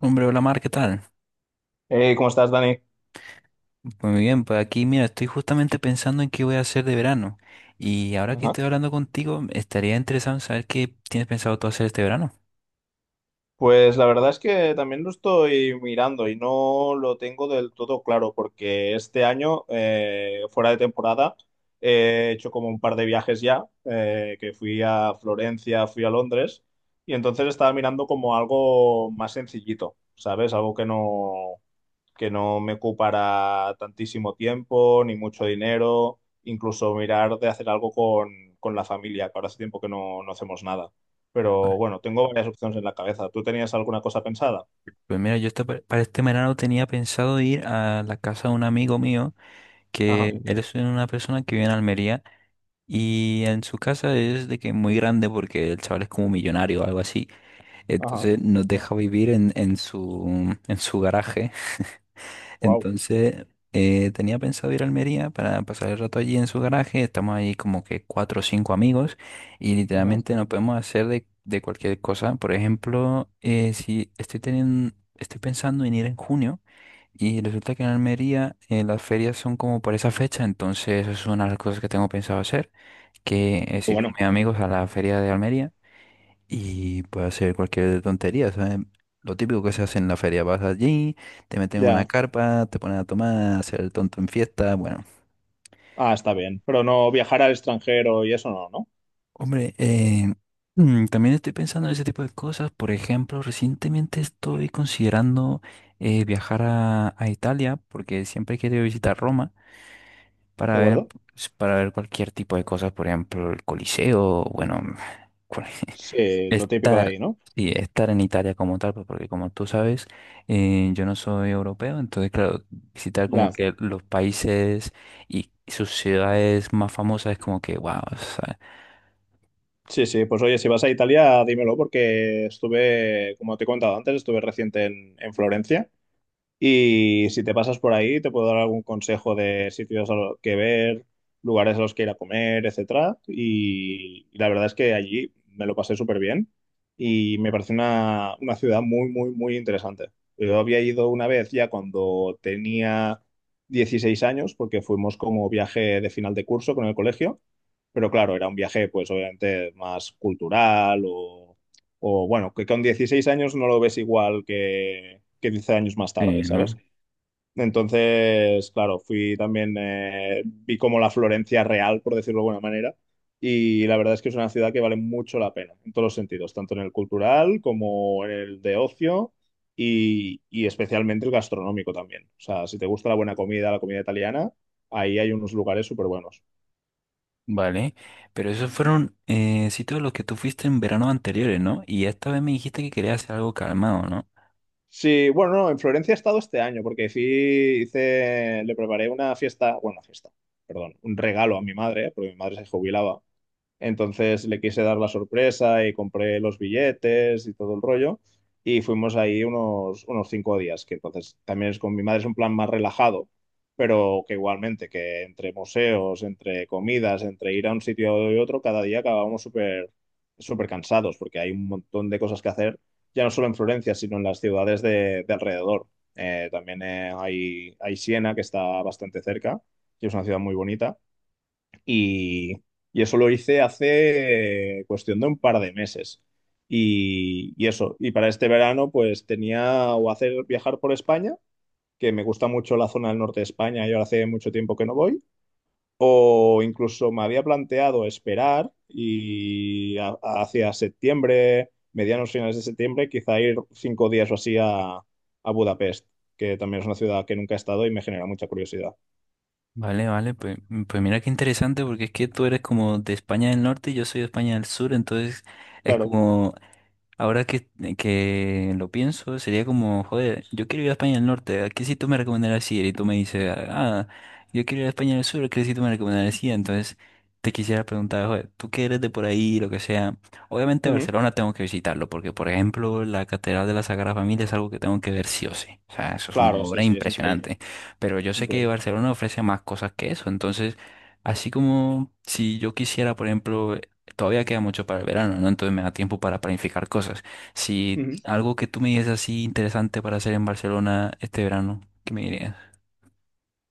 Hombre, hola Mar, ¿qué tal? ¿Cómo estás, Dani? Muy bien, pues aquí mira, estoy justamente pensando en qué voy a hacer de verano. Y ahora que Ajá. estoy hablando contigo, estaría interesado en saber qué tienes pensado tú hacer este verano. Pues la verdad es que también lo estoy mirando y no lo tengo del todo claro porque este año, fuera de temporada, he hecho como un par de viajes ya, que fui a Florencia, fui a Londres y entonces estaba mirando como algo más sencillito, ¿sabes? Algo que no me ocupara tantísimo tiempo ni mucho dinero, incluso mirar de hacer algo con la familia, que ahora hace tiempo que no hacemos nada. Pero Vale. bueno, tengo varias opciones en la cabeza. ¿Tú tenías alguna cosa pensada? Pues mira, para este verano tenía pensado ir a la casa de un amigo mío, Ajá, que él es una persona que vive en Almería, y en su casa es de que muy grande porque el chaval es como millonario o algo así. ajá. Entonces nos Wow, deja vivir en su garaje. wow. Entonces, tenía pensado ir a Almería para pasar el rato allí en su garaje. Estamos ahí como que cuatro o cinco amigos y Ajá. literalmente nos podemos hacer de cualquier cosa. Por ejemplo, si estoy teniendo, estoy pensando en ir en junio y resulta que en Almería las ferias son como por esa fecha, entonces esa es una de las cosas que tengo pensado hacer, que es Qué ir bueno, con mis amigos a la feria de Almería. Y puede hacer cualquier tontería, ¿sabes? Lo típico que se hace en la feria: vas allí, te meten en una ya. carpa, te ponen a tomar, a hacer el tonto en fiesta, bueno. Ah, está bien. Pero no viajar al extranjero y eso no, ¿no? Hombre, también estoy pensando en ese tipo de cosas. Por ejemplo, recientemente estoy considerando viajar a Italia, porque siempre he querido visitar Roma para ¿De ver, acuerdo? pues, para ver cualquier tipo de cosas, por ejemplo, el Coliseo, bueno, cual- Sí, lo típico de estar, ahí, ¿no? sí, estar en Italia como tal, pues, porque como tú sabes, yo no soy europeo, entonces, claro, visitar como Ya. que los países y sus ciudades más famosas es como que, wow, o sea, Sí, sí, pues oye, si vas a Italia, dímelo, porque estuve, como te he contado antes, estuve reciente en Florencia. Y si te pasas por ahí, te puedo dar algún consejo de sitios a lo que ver, lugares a los que ir a comer, etcétera. Y la verdad es que allí me lo pasé súper bien y me parece una ciudad muy, muy, muy interesante. Yo había ido una vez ya cuando tenía 16 años, porque fuimos como viaje de final de curso con el colegio, pero claro, era un viaje pues obviamente más cultural o bueno, que con 16 años no lo ves igual que 10 años más sí, tarde, ¿sabes? ¿no? Entonces, claro, fui también, vi como la Florencia real, por decirlo de alguna manera, y la verdad es que es una ciudad que vale mucho la pena, en todos los sentidos, tanto en el cultural como en el de ocio y especialmente el gastronómico también. O sea, si te gusta la buena comida, la comida italiana, ahí hay unos lugares súper buenos. Vale, pero esos fueron sitios a los que tú fuiste en verano anteriores, ¿no? Y esta vez me dijiste que querías hacer algo calmado, ¿no? Sí, bueno, no, en Florencia he estado este año porque sí hice, le preparé una fiesta, bueno, una fiesta, perdón, un regalo a mi madre, porque mi madre se jubilaba, entonces le quise dar la sorpresa y compré los billetes y todo el rollo. Y fuimos ahí unos 5 días, que entonces también es con mi madre, es un plan más relajado, pero que igualmente, que entre museos, entre comidas, entre ir a un sitio y otro, cada día acabábamos súper súper cansados, porque hay un montón de cosas que hacer, ya no solo en Florencia, sino en las ciudades de alrededor. También hay Siena, que está bastante cerca, y es una ciudad muy bonita. Y, y eso lo hice hace cuestión de un par de meses. Y eso, y para este verano pues tenía o hacer viajar por España, que me gusta mucho la zona del norte de España y ahora hace mucho tiempo que no voy, o incluso me había planteado esperar y hacia septiembre, medianos finales de septiembre, quizá ir 5 días o así a Budapest, que también es una ciudad que nunca he estado y me genera mucha curiosidad. Vale, vale, pues mira qué interesante, porque es que tú eres como de España del Norte y yo soy de España del Sur, entonces es Claro. como. Ahora que, que lo pienso, sería como, joder, yo quiero ir a España del Norte, ¿a qué sitio me recomendarías ir? Y tú me dices, ah, yo quiero ir a España del Sur, ¿a qué sitio me recomendarías ir? Entonces te quisiera preguntar, joder, tú que eres de por ahí, lo que sea, obviamente Ujú. Barcelona tengo que visitarlo, porque por ejemplo la Catedral de la Sagrada Familia es algo que tengo que ver sí o sí, o sea, eso es una Claro, sí, obra sí, es increíble, impresionante, pero yo es sé que increíble. Barcelona ofrece más cosas que eso, entonces... Así como si yo quisiera, por ejemplo, todavía queda mucho para el verano, ¿no? Entonces me da tiempo para planificar cosas. Si Ujú. algo que tú me dices así interesante para hacer en Barcelona este verano, ¿qué me dirías?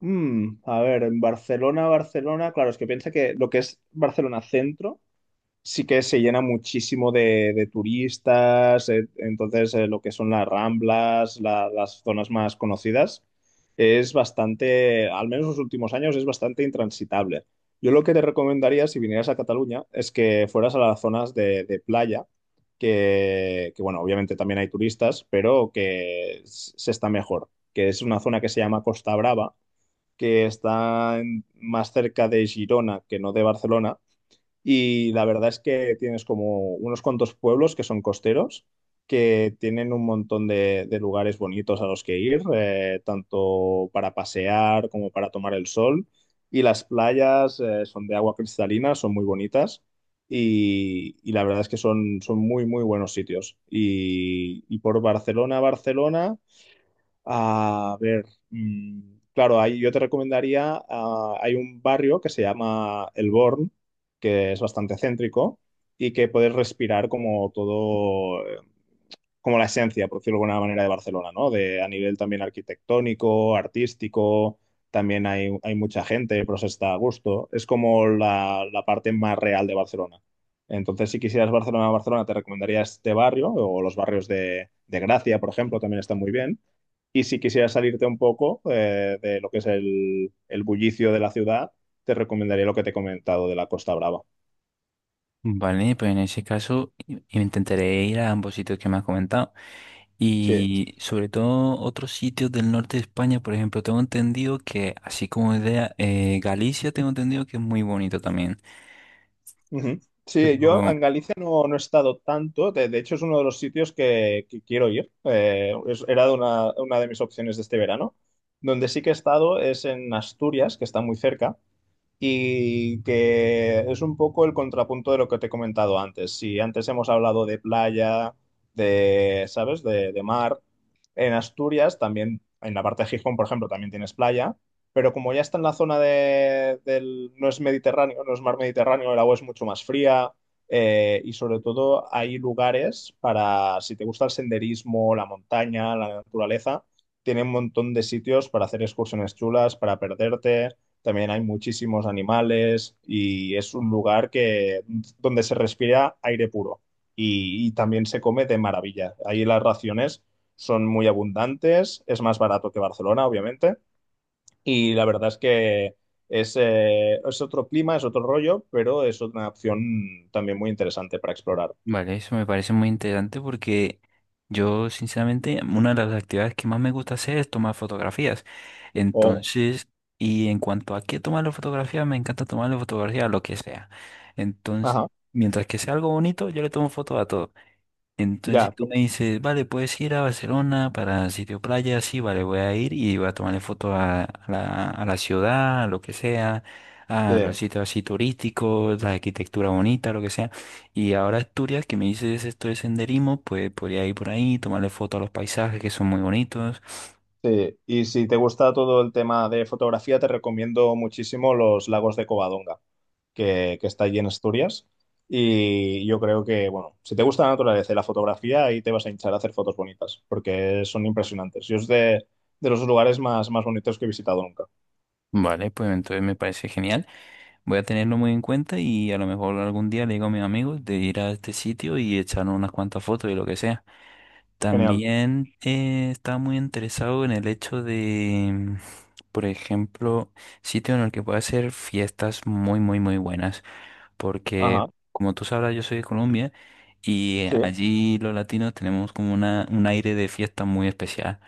A ver, en Barcelona, Barcelona, claro, es que piensa que lo que es Barcelona centro sí que se llena muchísimo de turistas, entonces lo que son las Ramblas, las zonas más conocidas, es bastante, al menos los últimos años, es bastante intransitable. Yo lo que te recomendaría si vinieras a Cataluña es que fueras a las zonas de playa, que bueno, obviamente también hay turistas, pero que se está mejor, que es una zona que se llama Costa Brava, que está más cerca de Girona que no de Barcelona. Y la verdad es que tienes como unos cuantos pueblos que son costeros, que tienen un montón de lugares bonitos a los que ir, tanto para pasear como para tomar el sol. Y las playas, son de agua cristalina, son muy bonitas. Y la verdad es que son, son muy, muy buenos sitios. Y por Barcelona, Barcelona. A ver, claro, ahí yo te recomendaría, ah, hay un barrio que se llama El Born, que es bastante céntrico y que puedes respirar como todo, como la esencia, por decirlo de alguna manera, de Barcelona, ¿no? De, a nivel también arquitectónico, artístico, también hay mucha gente, pero se está a gusto. Es como la parte más real de Barcelona. Entonces, si quisieras Barcelona, Barcelona, te recomendaría este barrio o los barrios de Gracia, por ejemplo, también están muy bien. Y si quisieras salirte un poco de lo que es el bullicio de la ciudad, te recomendaría lo que te he comentado de la Costa Brava. Vale, pues en ese caso intentaré ir a ambos sitios que me has comentado. Sí. Y sobre todo otros sitios del norte de España, por ejemplo, tengo entendido que, así como idea, Galicia tengo entendido que es muy bonito también. Ujú. Sí, yo Pero en Galicia no he estado tanto, de hecho es uno de los sitios que quiero ir. Era una de mis opciones de este verano, donde sí que he estado es en Asturias, que está muy cerca, y que es un poco el contrapunto de lo que te he comentado antes. Si antes hemos hablado de playa, de, ¿sabes? De mar, en Asturias también, en la parte de Gijón, por ejemplo, también tienes playa, pero como ya está en la zona del, no es Mediterráneo, no es mar Mediterráneo, el agua es mucho más fría. Y sobre todo hay lugares para, si te gusta el senderismo, la montaña, la naturaleza, tiene un montón de sitios para hacer excursiones chulas, para perderte. También hay muchísimos animales y es un lugar que, donde se respira aire puro y también se come de maravilla. Ahí las raciones son muy abundantes, es más barato que Barcelona, obviamente, y la verdad es que es otro clima, es otro rollo, pero es una opción también muy interesante para explorar. vale, eso me parece muy interesante porque yo, sinceramente, una de las actividades que más me gusta hacer es tomar fotografías. Oh, Entonces, y en cuanto a qué tomar las fotografías, me encanta tomar las fotografías a lo que sea. Entonces, ajá, mientras que sea algo bonito, yo le tomo fotos a todo. Entonces, si ya, tú me dices, vale, puedes ir a Barcelona para sitio playa, sí, vale, voy a ir y voy a tomarle foto a la ciudad, a lo que sea, sí. a los sitios así turísticos, la arquitectura bonita, lo que sea. Y ahora Asturias, que me dices esto de senderismo, pues podría ir por ahí, tomarle foto a los paisajes que son muy bonitos. Sí, y si te gusta todo el tema de fotografía, te recomiendo muchísimo los lagos de Covadonga, que está allí en Asturias. Y yo creo que, bueno, si te gusta la naturaleza y la fotografía, ahí te vas a hinchar a hacer fotos bonitas, porque son impresionantes. Yo es de los lugares más, más bonitos que he visitado nunca. Vale, pues entonces me parece genial. Voy a tenerlo muy en cuenta y a lo mejor algún día le digo a mis amigos de ir a este sitio y echar unas cuantas fotos y lo que sea. Genial. También estaba muy interesado en el hecho de, por ejemplo, sitio en el que pueda hacer fiestas muy, muy, muy buenas, porque Ajá. como tú sabrás, yo soy de Colombia y Sí, allí los latinos tenemos como un aire de fiesta muy especial.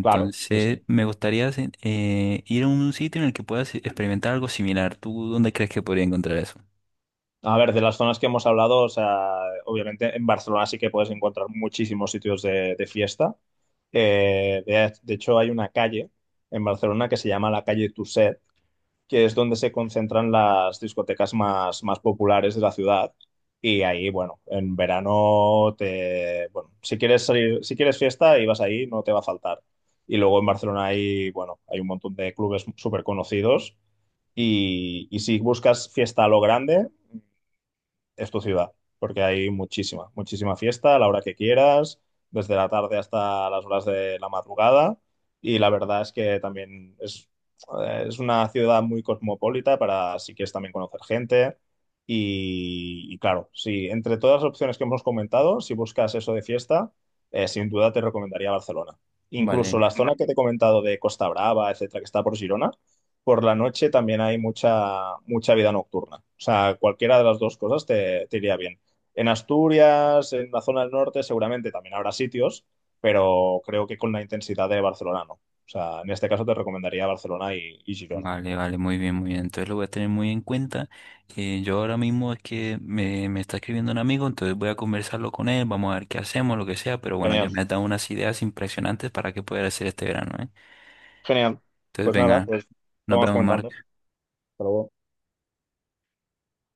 claro. Sí, sí. me gustaría ir a un sitio en el que puedas experimentar algo similar. ¿Tú dónde crees que podría encontrar eso? A ver, de las zonas que hemos hablado, o sea, obviamente en Barcelona sí que puedes encontrar muchísimos sitios de fiesta. De hecho, hay una calle en Barcelona que se llama la calle Tuset, que es donde se concentran las discotecas más, más populares de la ciudad. Y ahí, bueno, en verano te, bueno, si quieres salir, si quieres fiesta y vas ahí, no te va a faltar. Y luego en Barcelona hay, bueno, hay un montón de clubes súper conocidos. Y si buscas fiesta a lo grande, es tu ciudad, porque hay muchísima, muchísima fiesta a la hora que quieras, desde la tarde hasta las horas de la madrugada. Y la verdad es que también es una ciudad muy cosmopolita para si quieres también conocer gente. Y claro, si entre todas las opciones que hemos comentado, si buscas eso de fiesta, sin duda te recomendaría Barcelona. Incluso Vale. la zona que te he comentado de Costa Brava, etcétera, que está por Girona, por la noche también hay mucha, mucha vida nocturna. O sea, cualquiera de las dos cosas te iría bien. En Asturias, en la zona del norte, seguramente también habrá sitios, pero creo que con la intensidad de Barcelona no. O sea, en este caso te recomendaría Barcelona y Girona. Vale, vale, muy bien, muy bien. Entonces lo voy a tener muy en cuenta. Yo ahora mismo es que me está escribiendo un amigo, entonces voy a conversarlo con él, vamos a ver qué hacemos, lo que sea, pero bueno, ya Genial, me has dado unas ideas impresionantes para qué poder hacer este verano, ¿eh? genial. Entonces, Pues nada, venga, pues lo nos vamos vemos, comentando. Marco. Hasta luego.